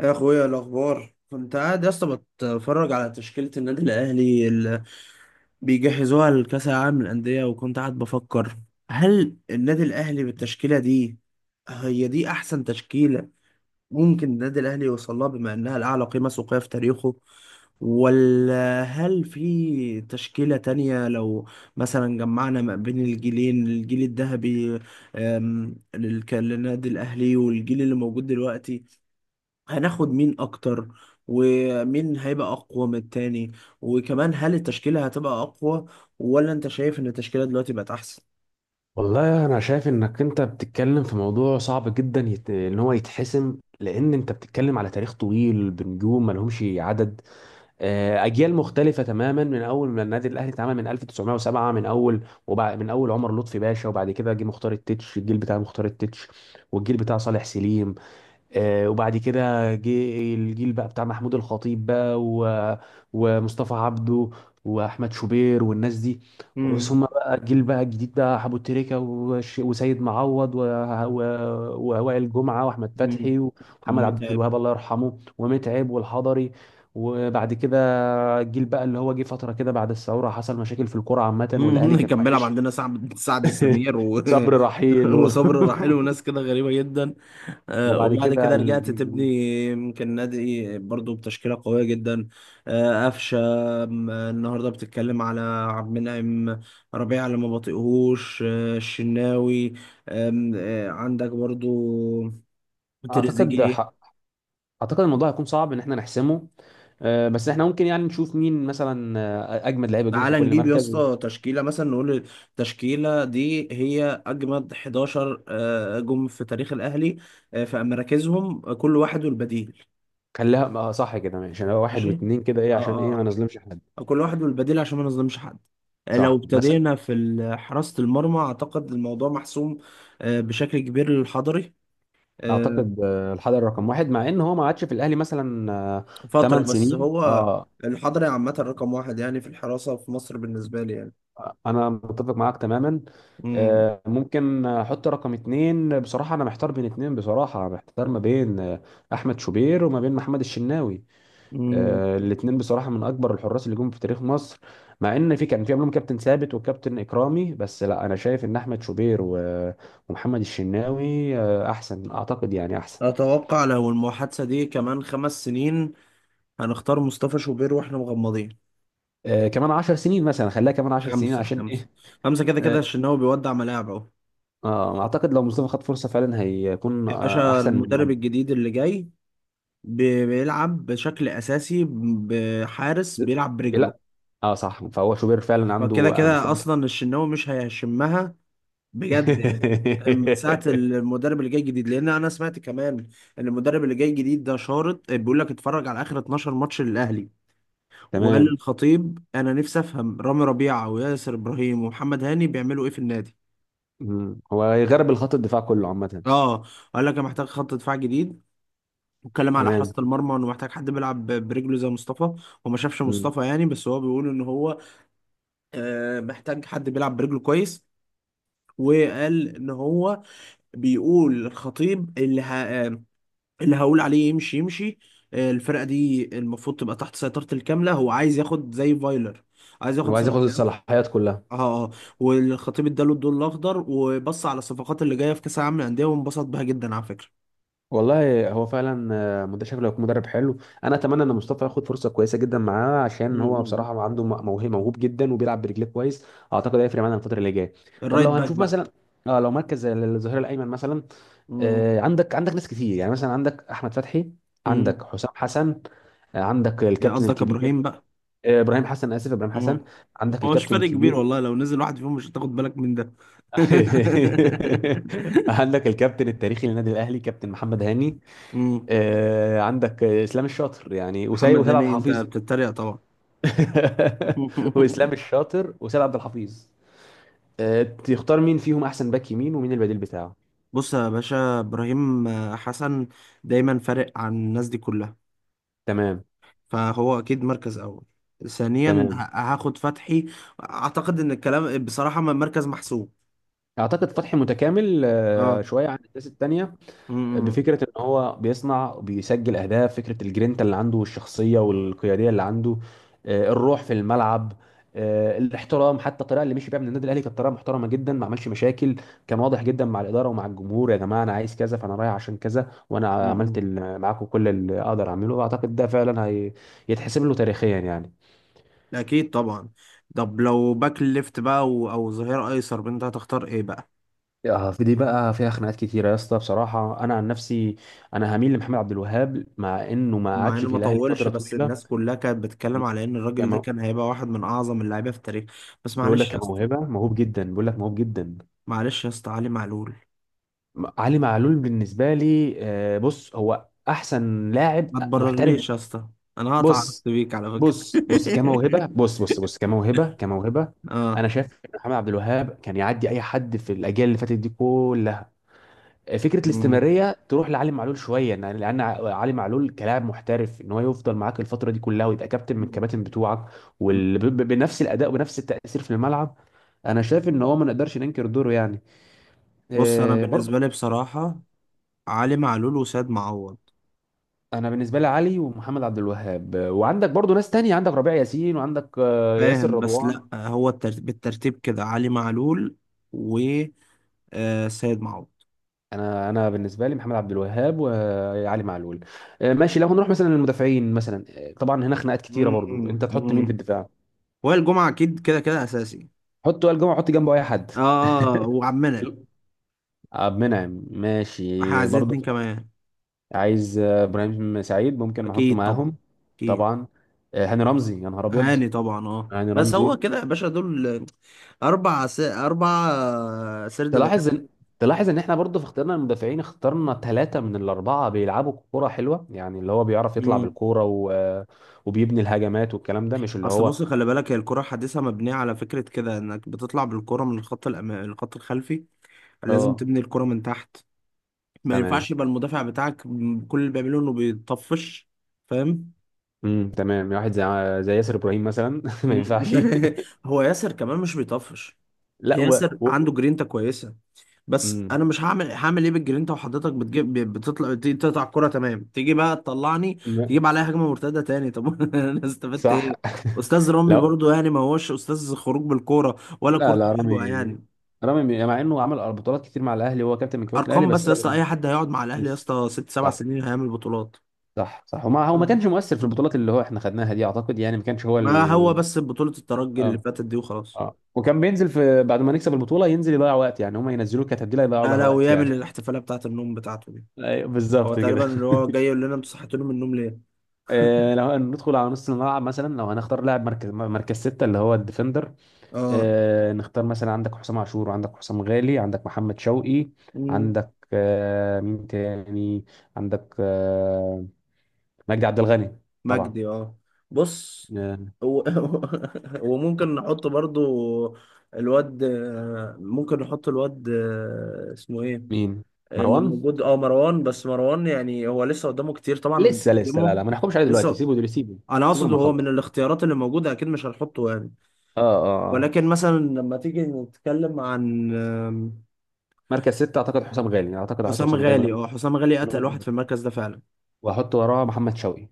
يا اخويا، إيه الاخبار؟ كنت قاعد يا اسطى بتفرج على تشكيله النادي الاهلي اللي بيجهزوها لكاس العالم للانديه، وكنت قاعد بفكر هل النادي الاهلي بالتشكيله دي هي دي احسن تشكيله ممكن النادي الاهلي يوصل لها، بما انها الاعلى قيمه سوقيه في تاريخه؟ ولا هل في تشكيله تانية لو مثلا جمعنا ما بين الجيلين، الجيل الذهبي للنادي الاهلي والجيل اللي موجود دلوقتي؟ هناخد مين اكتر؟ ومين هيبقى اقوى من التاني؟ وكمان هل التشكيلة هتبقى اقوى، ولا انت شايف ان التشكيلة دلوقتي بقت احسن؟ والله انا شايف انك انت بتتكلم في موضوع صعب جدا، ان هو يتحسم لان انت بتتكلم على تاريخ طويل بنجوم ملهمش عدد. اجيال مختلفه تماما من اول ما النادي الاهلي اتعمل من 1907، من اول عمر لطفي باشا وبعد كده جه مختار التتش، الجيل بتاع مختار التتش، والجيل بتاع صالح سليم. وبعد كده جه الجيل بقى بتاع محمود الخطيب بقى ومصطفى عبده واحمد شوبير والناس دي. ثم بقى الجيل بقى الجديد بقى حبو تريكة وسيد معوض و... ووائل جمعة واحمد فتحي ومحمد عبد امم. الوهاب الله يرحمه ومتعب والحضري. وبعد كده الجيل بقى اللي هو جه فترة كده بعد الثورة، حصل مشاكل في الكرة عامة مم. والأهلي كان كان بيلعب وحش. عندنا سعد السمير و... صبري رحيل وصبر الرحيل وناس كده غريبة جدا. وبعد وبعد كده كده رجعت الجيل تبني. الجديد. يمكن نادي برضو بتشكيلة قوية جدا. قفشة. النهاردة بتتكلم على عبد المنعم ربيع اللي ما بطيقهوش، الشناوي، آم، آه، عندك برضو اعتقد تريزيجيه. اعتقد الموضوع هيكون صعب ان احنا نحسمه. بس احنا ممكن يعني نشوف مين مثلا اجمد لعيبه جون في تعالى كل نجيب يا مركز. اسطى تشكيله مثلا، نقول التشكيله دي هي اجمد 11 جم في تاريخ الاهلي، في مراكزهم، كل واحد والبديل. وخليها صح كده، ماشي، هو واحد ماشي. واتنين كده ايه اه. عشان ايه ما اه. نظلمش حد. كل واحد والبديل عشان ما نظلمش حد. لو صح مثلا. ابتدينا في حراسه المرمى، اعتقد الموضوع محسوم بشكل كبير للحضري. آه، اعتقد الحضري رقم واحد، مع ان هو ما عادش في الاهلي مثلا فتره 8 بس سنين. هو. اه. الحضري عامه رقم واحد يعني في الحراسه في مصر بالنسبه لي يعني. انا متفق معاك تماما. مم. ممكن احط رقم اتنين، بصراحه انا محتار بين اتنين، بصراحه محتار ما بين احمد شوبير وما بين محمد الشناوي. مم. الاثنين بصراحه من اكبر الحراس اللي جم في تاريخ مصر، مع ان في كان في قبلهم كابتن ثابت وكابتن اكرامي، بس لا انا شايف ان احمد شوبير ومحمد الشناوي احسن، اعتقد يعني احسن. أتوقع لو المحادثة دي كمان خمس سنين هنختار مصطفى شوبير واحنا مغمضين. كمان 10 سنين مثلا، خليها كمان 10 سنين خمسة عشان خمسة. ايه. خمسة كده كده اه. الشناوي بيودع ملاعب اهو. اعتقد لو مصطفى خد فرصه فعلا هيكون يا باشا احسن من المدرب والدي. الجديد اللي جاي بيلعب بشكل أساسي بحارس بيلعب برجله. لا، اه صح، فهو شوبير فعلا عنده فكده كده مستوى. أصلا الشناوي مش هيشمها بجد يعني، من ساعة المدرب اللي جاي جديد. لأن أنا سمعت كمان إن المدرب اللي جاي جديد ده شارط، بيقول لك اتفرج على آخر 12 ماتش للأهلي، وقال تمام. للخطيب أنا نفسي أفهم رامي ربيعة وياسر إبراهيم ومحمد هاني بيعملوا إيه في النادي. مم. هو هيغرب الخط الدفاع كله عامه. اه. قال لك انا محتاج خط دفاع جديد، واتكلم على تمام. حراسة المرمى انه محتاج حد بيلعب برجله زي مصطفى. هو ما شافش مم. مصطفى يعني، بس هو بيقول ان هو محتاج حد بيلعب برجله كويس. وقال ان هو بيقول للخطيب اللي ه... آه، اللي هقول عليه يمشي يمشي. الفرقة دي المفروض تبقى تحت سيطرة الكاملة، هو عايز ياخد زي فايلر، عايز هو ياخد عايز ياخد صلاحيات. الصلاحيات كلها. اه اه. والخطيب اداله الضوء الاخضر، وبص على الصفقات اللي جايه في كاس العالم للانديه وانبسط بها جدا. على والله هو فعلا شكله هيكون مدرب حلو. انا اتمنى ان فكره، مصطفى ياخد فرصه كويسه جدا معاه، عشان هو بصراحه عنده موهبه، موهوب جدا وبيلعب برجليه كويس. اعتقد هيفرق معانا الفتره اللي جايه. طب الرايت لو باك هنشوف بقى. مثلا، اه لو مركز زي الظهير الايمن مثلا، مم. عندك ناس كتير، يعني مثلا عندك احمد فتحي، عندك مم. حسام حسن، عندك يعني الكابتن قصدك الكبير ابراهيم بقى. ابراهيم حسن، اسف ابراهيم حسن، مم. عندك هو مش الكابتن فرق كبير الكبير. والله، لو نزل واحد فيهم مش هتاخد بالك من ده. عندك الكابتن التاريخي للنادي الاهلي كابتن محمد هاني. مم. عندك اسلام الشاطر يعني، وسيد محمد وسيد عبد هاني؟ انت الحفيظ. بتتريق طبعا. واسلام الشاطر وسيد عبد الحفيظ. تختار مين فيهم احسن باك يمين ومين البديل بتاعه؟ بص يا باشا، ابراهيم حسن دايما فارق عن الناس دي كلها، تمام. فهو اكيد مركز اول. ثانيا، تمام. هاخد فتحي. اعتقد ان الكلام بصراحة ما مركز محسوب. اعتقد فتحي متكامل اه. شويه عن الناس التانيه. م- م- بفكره ان هو بيصنع، بيسجل اهداف، فكره الجرينتا اللي عنده والشخصيه والقياديه اللي عنده، الروح في الملعب، الاحترام. حتى الطريقه اللي مشي بيها من النادي الاهلي كانت طريقه محترمه جدا، ما عملش مشاكل. كان واضح جدا مع الاداره ومع الجمهور، يا جماعه انا عايز كذا فانا رايح عشان كذا، وانا عملت م- معاكم كل اللي اقدر اعمله، واعتقد ده فعلا يتحسب له تاريخيا يعني. اكيد طبعا. طب لو باك ليفت بقى او ظهير ايسر، انت هتختار ايه بقى؟ في دي بقى فيها خناقات كتيره يا اسطى، بصراحه انا عن نفسي انا هميل لمحمد عبد الوهاب، مع انه ما مع قعدش انه في ما الاهلي طولش، فتره بس طويله. الناس كلها كانت بتتكلم على ان الراجل ده كان هيبقى واحد من اعظم اللعيبه في التاريخ. بس بيقول معلش لك يا يا اسطى، موهبه موهوب جدا، بيقول لك موهوب جدا. معلش يا اسطى، علي معلول. علي معلول بالنسبه لي بص، هو احسن لاعب ما محترف. تبررليش يا اسطى، انا هقطع بص علاقتي بيك على فكره. بص بص كموهبه، بص بص بص كموهبه، كموهبه انا اه. شايف إن محمد عبد الوهاب كان يعدي اي حد في الاجيال اللي فاتت دي كلها. فكره مم. الاستمراريه تروح لعلي معلول شويه، لان علي معلول كلاعب محترف، ان هو يفضل معاك الفتره دي كلها ويبقى كابتن من الكباتن بتوعك، وبنفس الاداء وبنفس التاثير في الملعب. انا شايف ان هو ما نقدرش ننكر دوره يعني بص انا برضه. بالنسبه لي بصراحه علي معلول وسيد معوض. انا بالنسبه لي علي ومحمد عبد الوهاب وعندك برضه ناس تانية، عندك ربيع ياسين، وعندك ياسر فاهم؟ بس رضوان. لا، هو الترتيب بالترتيب كده علي معلول و سيد معوض. انا بالنسبه لي محمد عبد الوهاب وعلي معلول. ماشي. لو هنروح مثلا للمدافعين مثلا، طبعا هنا خناقات كتيره مم، برضه، انت تحط مين في مم. الدفاع. وائل الجمعة أكيد كده كده أساسي. حط وائل جمعه، حط جنبه اي حد آه. وعمنا. حلو. عبد المنعم إحنا ماشي عايزين برضه. اتنين كمان. عايز ابراهيم سعيد ممكن نحطه أكيد طبعا. معاهم. أكيد. طبعا. هاني رمزي، يا نهار ابيض. هاني طبعا، آه، هاني بس رمزي. هو كده يا باشا دول أربع سرد باكات. تلاحظ ان تلاحظ ان احنا برضه في اختيارنا المدافعين اخترنا ثلاثة من الأربعة بيلعبوا كورة حلوة، يعني اللي هو بيعرف يطلع مم. بالكورة وبيبني الهجمات، والكلام ده مش اللي أصل هو. بص خلي بالك، هي الكرة الحديثة مبنية على فكرة كده، إنك بتطلع بالكرة من الخط الأمامي، الخط الخلفي، لازم اه تبني الكرة من تحت. ما ينفعش تمام. يبقى المدافع بتاعك كل اللي بيعمله إنه بيطفش، فاهم؟ تمام. واحد زي ياسر إبراهيم مثلا. ما ينفعش. هو ياسر كمان مش بيطفش، لا ياسر و... عنده جرينتا كويسه، بس امم انا مش هعمل ايه بالجرينتا وحضرتك بتجيب، بتطلع، تيجي تقطع الكره تمام، تيجي بقى تطلعني لا، تجيب عليها هجمه مرتده تاني، طب انا استفدت صح. ايه؟ استاذ رامي لا، برضو يعني ما هوش استاذ خروج بالكوره، ولا لا، كورته لا، رامي. حلوه يعني. رامي مع انه عمل بطولات كتير مع الاهلي وهو كابتن من كباتن الاهلي، ارقام بس بس يا انا اسطى، اي حد هيقعد مع الاهلي يا بس. اسطى ست سبع صح. سنين هيعمل بطولات. صح، صح، وما هو ما كانش مؤثر في البطولات اللي هو احنا خدناها دي، اعتقد يعني ما كانش هو. ما هو بس بطوله الترجي اللي اه، فاتت دي وخلاص. اه، وكان بينزل في بعد ما نكسب البطوله ينزل يضيع وقت يعني، هم ينزلوه كتبديله يضيعوا لا بها لا، وقت يعني. ويعمل الاحتفاليه بتاعه النوم بتاعته دي. أيوة، هو بالظبط تقريبا كده. اللي هو جاي يقول لنا انتوا صحيتوني من النوم ليه. لو ندخل على نص الملعب مثلا، لو هنختار لاعب مركز، ستة اللي هو الديفندر. اه. نختار مثلا عندك حسام عاشور، وعندك حسام غالي، عندك محمد شوقي، مم. عندك مين تاني، عندك مجدي عبد الغني. طبعا. مجدي اه. بص آه، هو وممكن نحط برضو الواد، ممكن نحط الواد اسمه ايه، مين؟ اللي مروان؟ موجود، اه، مروان. بس مروان يعني هو لسه قدامه كتير طبعا لسه لسه، لا، نقدمه. لا، ما نحكمش عليه دلوقتي، لسه. سيبه دلوقتي، سيبه انا سيبه اقصد لما هو من يخلص. الاختيارات اللي موجوده اكيد مش هنحطه يعني. اه، اه. ولكن مثلا لما تيجي نتكلم عن مركز ستة اعتقد حسام غالي يعني، اعتقد احط حسام حسام غالي من غالي غير اه، حسام غالي من غير اتقل واحد في المركز ده فعلا. واحط وراه محمد شوقي.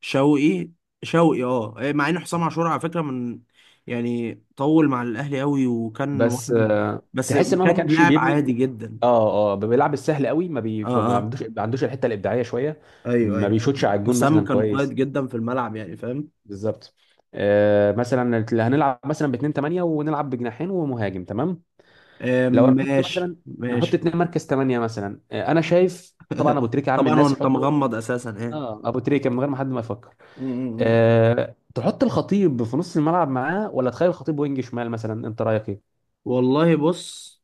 شوقي، شوقي اه، إيه، مع ان حسام آه. عاشور على فكره من يعني طول مع الاهلي قوي، وكان بس واحد بس تحس ان هو ما كان كانش لاعب بيبني. عادي جدا. اه، اه، بيلعب السهل قوي، اه ما اه. عندوش ما عندوش الحته الابداعيه شويه. ايوه ما ايوه. بيشوتش على الجون حسام مثلا كان قائد كويس. جدا في الملعب يعني، فاهم؟ بالظبط. آه، مثلا اللي هنلعب مثلا ب 2 8 ونلعب بجناحين ومهاجم، تمام. آه، لو هنحط ماشي مثلا، نحط ماشي. اتنين مركز 8 مثلا، آه انا شايف طبعا ابو تريكه عم طبعا الناس وانت يحطه. مغمض اساسا، ايه. اه، ابو تريكه من غير ما حد ما يفكر. م- م- م. تحط الخطيب في نص الملعب معاه ولا تخلي الخطيب وينج شمال مثلا، انت رايك ايه؟ والله بص،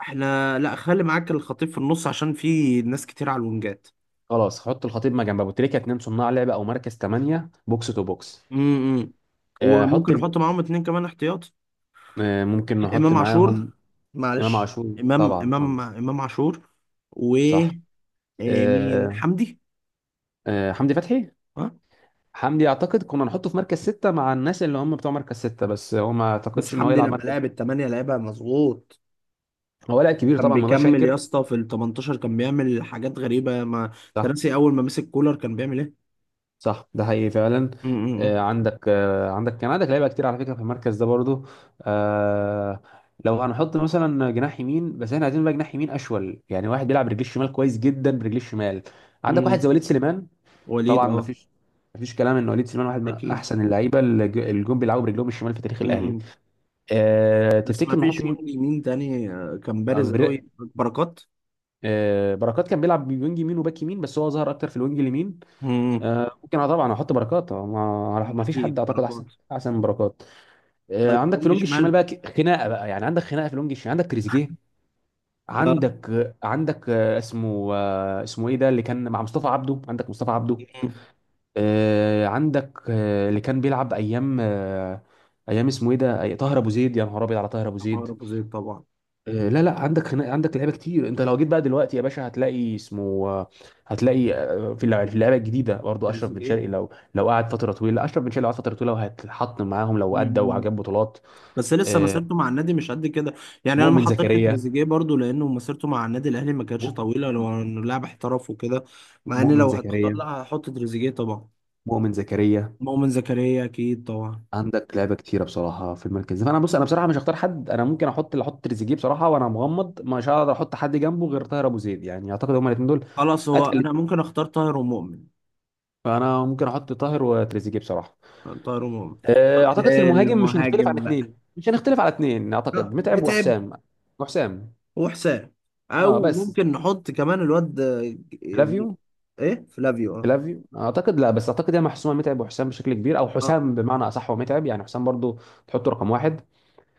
احنا لا، خلي معاك الخطيب في النص عشان في ناس كتير على الونجات. خلاص، حط الخطيب ما جنب ابو تريكه، اتنين صناع لعب او مركز ثمانية بوكس تو بوكس. امم. أه حط وممكن ال... نحط معاهم اتنين كمان احتياطي. ممكن نحط امام عاشور، معاهم معلش، امام عاشور. امام طبعا. امام طبعا. امام عاشور. و صح. مين، أه حمدي. أه حمدي فتحي. ها. حمدي اعتقد كنا نحطه في مركز ستة مع الناس اللي هم بتوع مركز ستة، بس هو ما بس اعتقدش ان هو حمدي يلعب لما مركز. لعب الثمانية لعبها مظبوط. هو لاعب كبير كان طبعا، ما نقدرش بيكمل يا انكر. اسطى في ال 18، كان بيعمل حاجات غريبة، ما صح، تراسي اول ما مسك كولر كان بيعمل ايه. صح، ده حقيقي فعلا. م- م- عندك آه، عندك كان عندك لعيبه كتير على فكره في المركز ده برضو. آه، لو هنحط مثلا جناح يمين، بس احنا عايزين بقى جناح يمين اشول، يعني واحد بيلعب برجليه الشمال كويس جدا، برجليه الشمال. عندك م. واحد زي وليد سليمان. وليد طبعا. ما اه. فيش ما فيش كلام ان وليد سليمان واحد من اكيد. احسن اللعيبه اللي جم بيلعبوا برجلهم الشمال في تاريخ م- الاهلي. م. أه، بس ما تفتكر نحط فيش مين؟ وينج يمين تاني كان آه، بارز قوي بر- بركات. بركات كان بيلعب وينج يمين وباك يمين، بس هو ظهر اكتر في الوينج اليمين. م- ممكن، اه طبعا احط بركات. ما م. ما فيش حد اكيد اعتقد بركات. احسن. احسن من بركات. طيب عندك في وينج لونج الشمال شمال. بقى خناقه بقى يعني، عندك خناقه في لونج الشمال، عندك تريزيجيه، اه. عندك عندك اسمه ايه ده اللي كان مع مصطفى عبده، عندك مصطفى عبده. م- م. عندك اللي كان بيلعب ايام اسمه ايه ده، طاهر ابو زيد، يا نهار ابيض على طاهر ابو عطاء زيد. ابو زيد طبعا. لا، لا، عندك هنا عندك لعيبه كتير. انت لو جيت بقى دلوقتي يا باشا هتلاقي اسمه هتلاقي في في اللعيبه الجديده برضو اشرف بن تريزيجيه. شرقي، لو قعد فتره طويله، اشرف بن شرقي لو قعد فتره طويله وهيتحط معاهم لو ادى مم. وجاب بطولات. بس لسه آه، مسيرته مع النادي مش قد كده يعني، انا ما مؤمن حطيتش زكريا. تريزيجيه برضو لانه مسيرته مع النادي الاهلي ما كانتش مؤ- طويله، لو انه لاعب احترف وكده. مع ان مؤمن لو هتختار، لا، زكريا، هحط تريزيجيه طبعا. مؤمن زكريا. مؤمن زكريا اكيد طبعا. عندك لعيبه كتيره بصراحه في المركز ده، فانا بص انا بصراحه مش هختار حد، انا ممكن احط اللي احط تريزيجيه بصراحه، وانا مغمض مش هقدر احط حد جنبه غير طاهر ابو زيد يعني، اعتقد هما الاثنين دول. خلاص هو اتقل. انا ممكن اختار طاهر ومؤمن. فانا ممكن احط طاهر وتريزيجيه بصراحه. طاهر ومؤمن. طب اعتقد في المهاجم مش هنختلف عن المهاجم بقى؟ اثنين، مش هنختلف على اثنين، لا، اعتقد متعب متعب وحسام وحسام وحسام. اه او بس. ممكن نحط كمان الواد فلافيو. ايه، فلافيو. اه فلافيو اعتقد لا، بس اعتقد هي محسومه، متعب وحسام بشكل كبير، او اه. حسام بمعنى اصح ومتعب يعني، حسام برضو تحطه رقم واحد.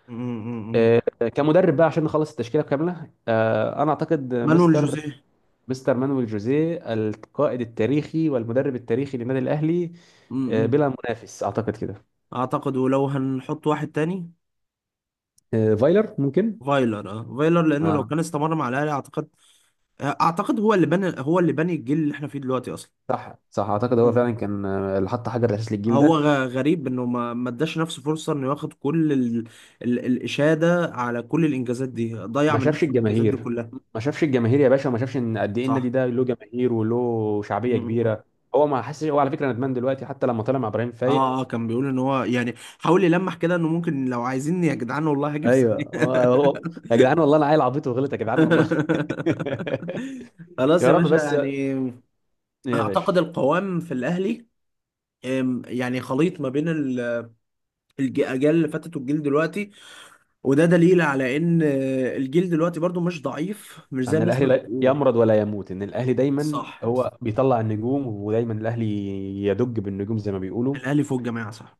مم، مم، مم. آه، كمدرب بقى عشان نخلص التشكيله كامله، انا اعتقد مانويل مستر، جوزيه. مانويل جوزيه القائد التاريخي والمدرب التاريخي للنادي الاهلي. م- م. بلا منافس اعتقد كده. اعتقد. ولو هنحط واحد تاني، فايلر ممكن. فايلر. اه، فايلر لانه لو اه، كان استمر مع الاهلي اعتقد، اعتقد هو اللي بنى، هو اللي بني الجيل اللي احنا فيه دلوقتي اصلا. صح، صح، اعتقد هو مم. فعلا كان اللي حط حجر الاساس للجيل هو ده. غريب انه ما اداش نفسه فرصه انه ياخد كل الاشاده على كل الانجازات دي، ضيع ما من شافش نفسه الانجازات دي الجماهير، كلها. ما شافش الجماهير يا باشا، وما شافش ان قد ايه صح. النادي ده له جماهير وله شعبيه مم. كبيره. هو ما حسش. هو على فكره ندمان دلوقتي، حتى لما طلع مع ابراهيم فايق. اه اه، كان بيقول ان هو يعني حاول يلمح كده انه ممكن، لو عايزيني يا جدعان والله هاجي في ايوه، ثانيه. يا جدعان والله انا عيل عبيط وغلط، يا جدعان والله. خلاص يا يا رب باشا بس. يعني. يا باشا، اعتقد القوام في الاهلي يعني خليط ما بين الاجيال اللي فاتت والجيل دلوقتي، وده دليل على ان الجيل دلوقتي برضو مش ضعيف، مش زي ان الناس الاهلي ما لا بتقول. يمرض ولا يموت، ان الاهلي دايما صح يا اسطى. هو بيطلع النجوم، ودايما الاهلي يدج بالنجوم زي ما بيقولوا. الاهلي فوق الجماعه، صح.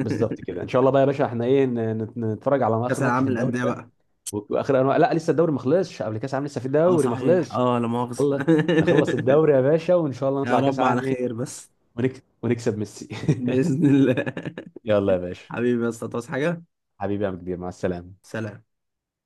بالظبط كده. ان شاء الله بقى يا باشا احنا ايه نتفرج على كاس اخر ماتش في العالم الدوري للانديه ده. بقى. واخر انواع، لا لسه الدوري ما خلصش قبل كاس عام، لسه في اه دوري ما صحيح، خلصش، اه لا مؤاخذه. نخلص نخلص الدوري يا باشا، وان شاء الله يا نطلع كاس رب على عام ايه خير بس. ونكسب، ونكسب ميسي. باذن الله. يلا يا باشا. حبيبي يا اسطى، تصحى حاجه. حبيبي يا عم كبير، مع السلامة. سلام.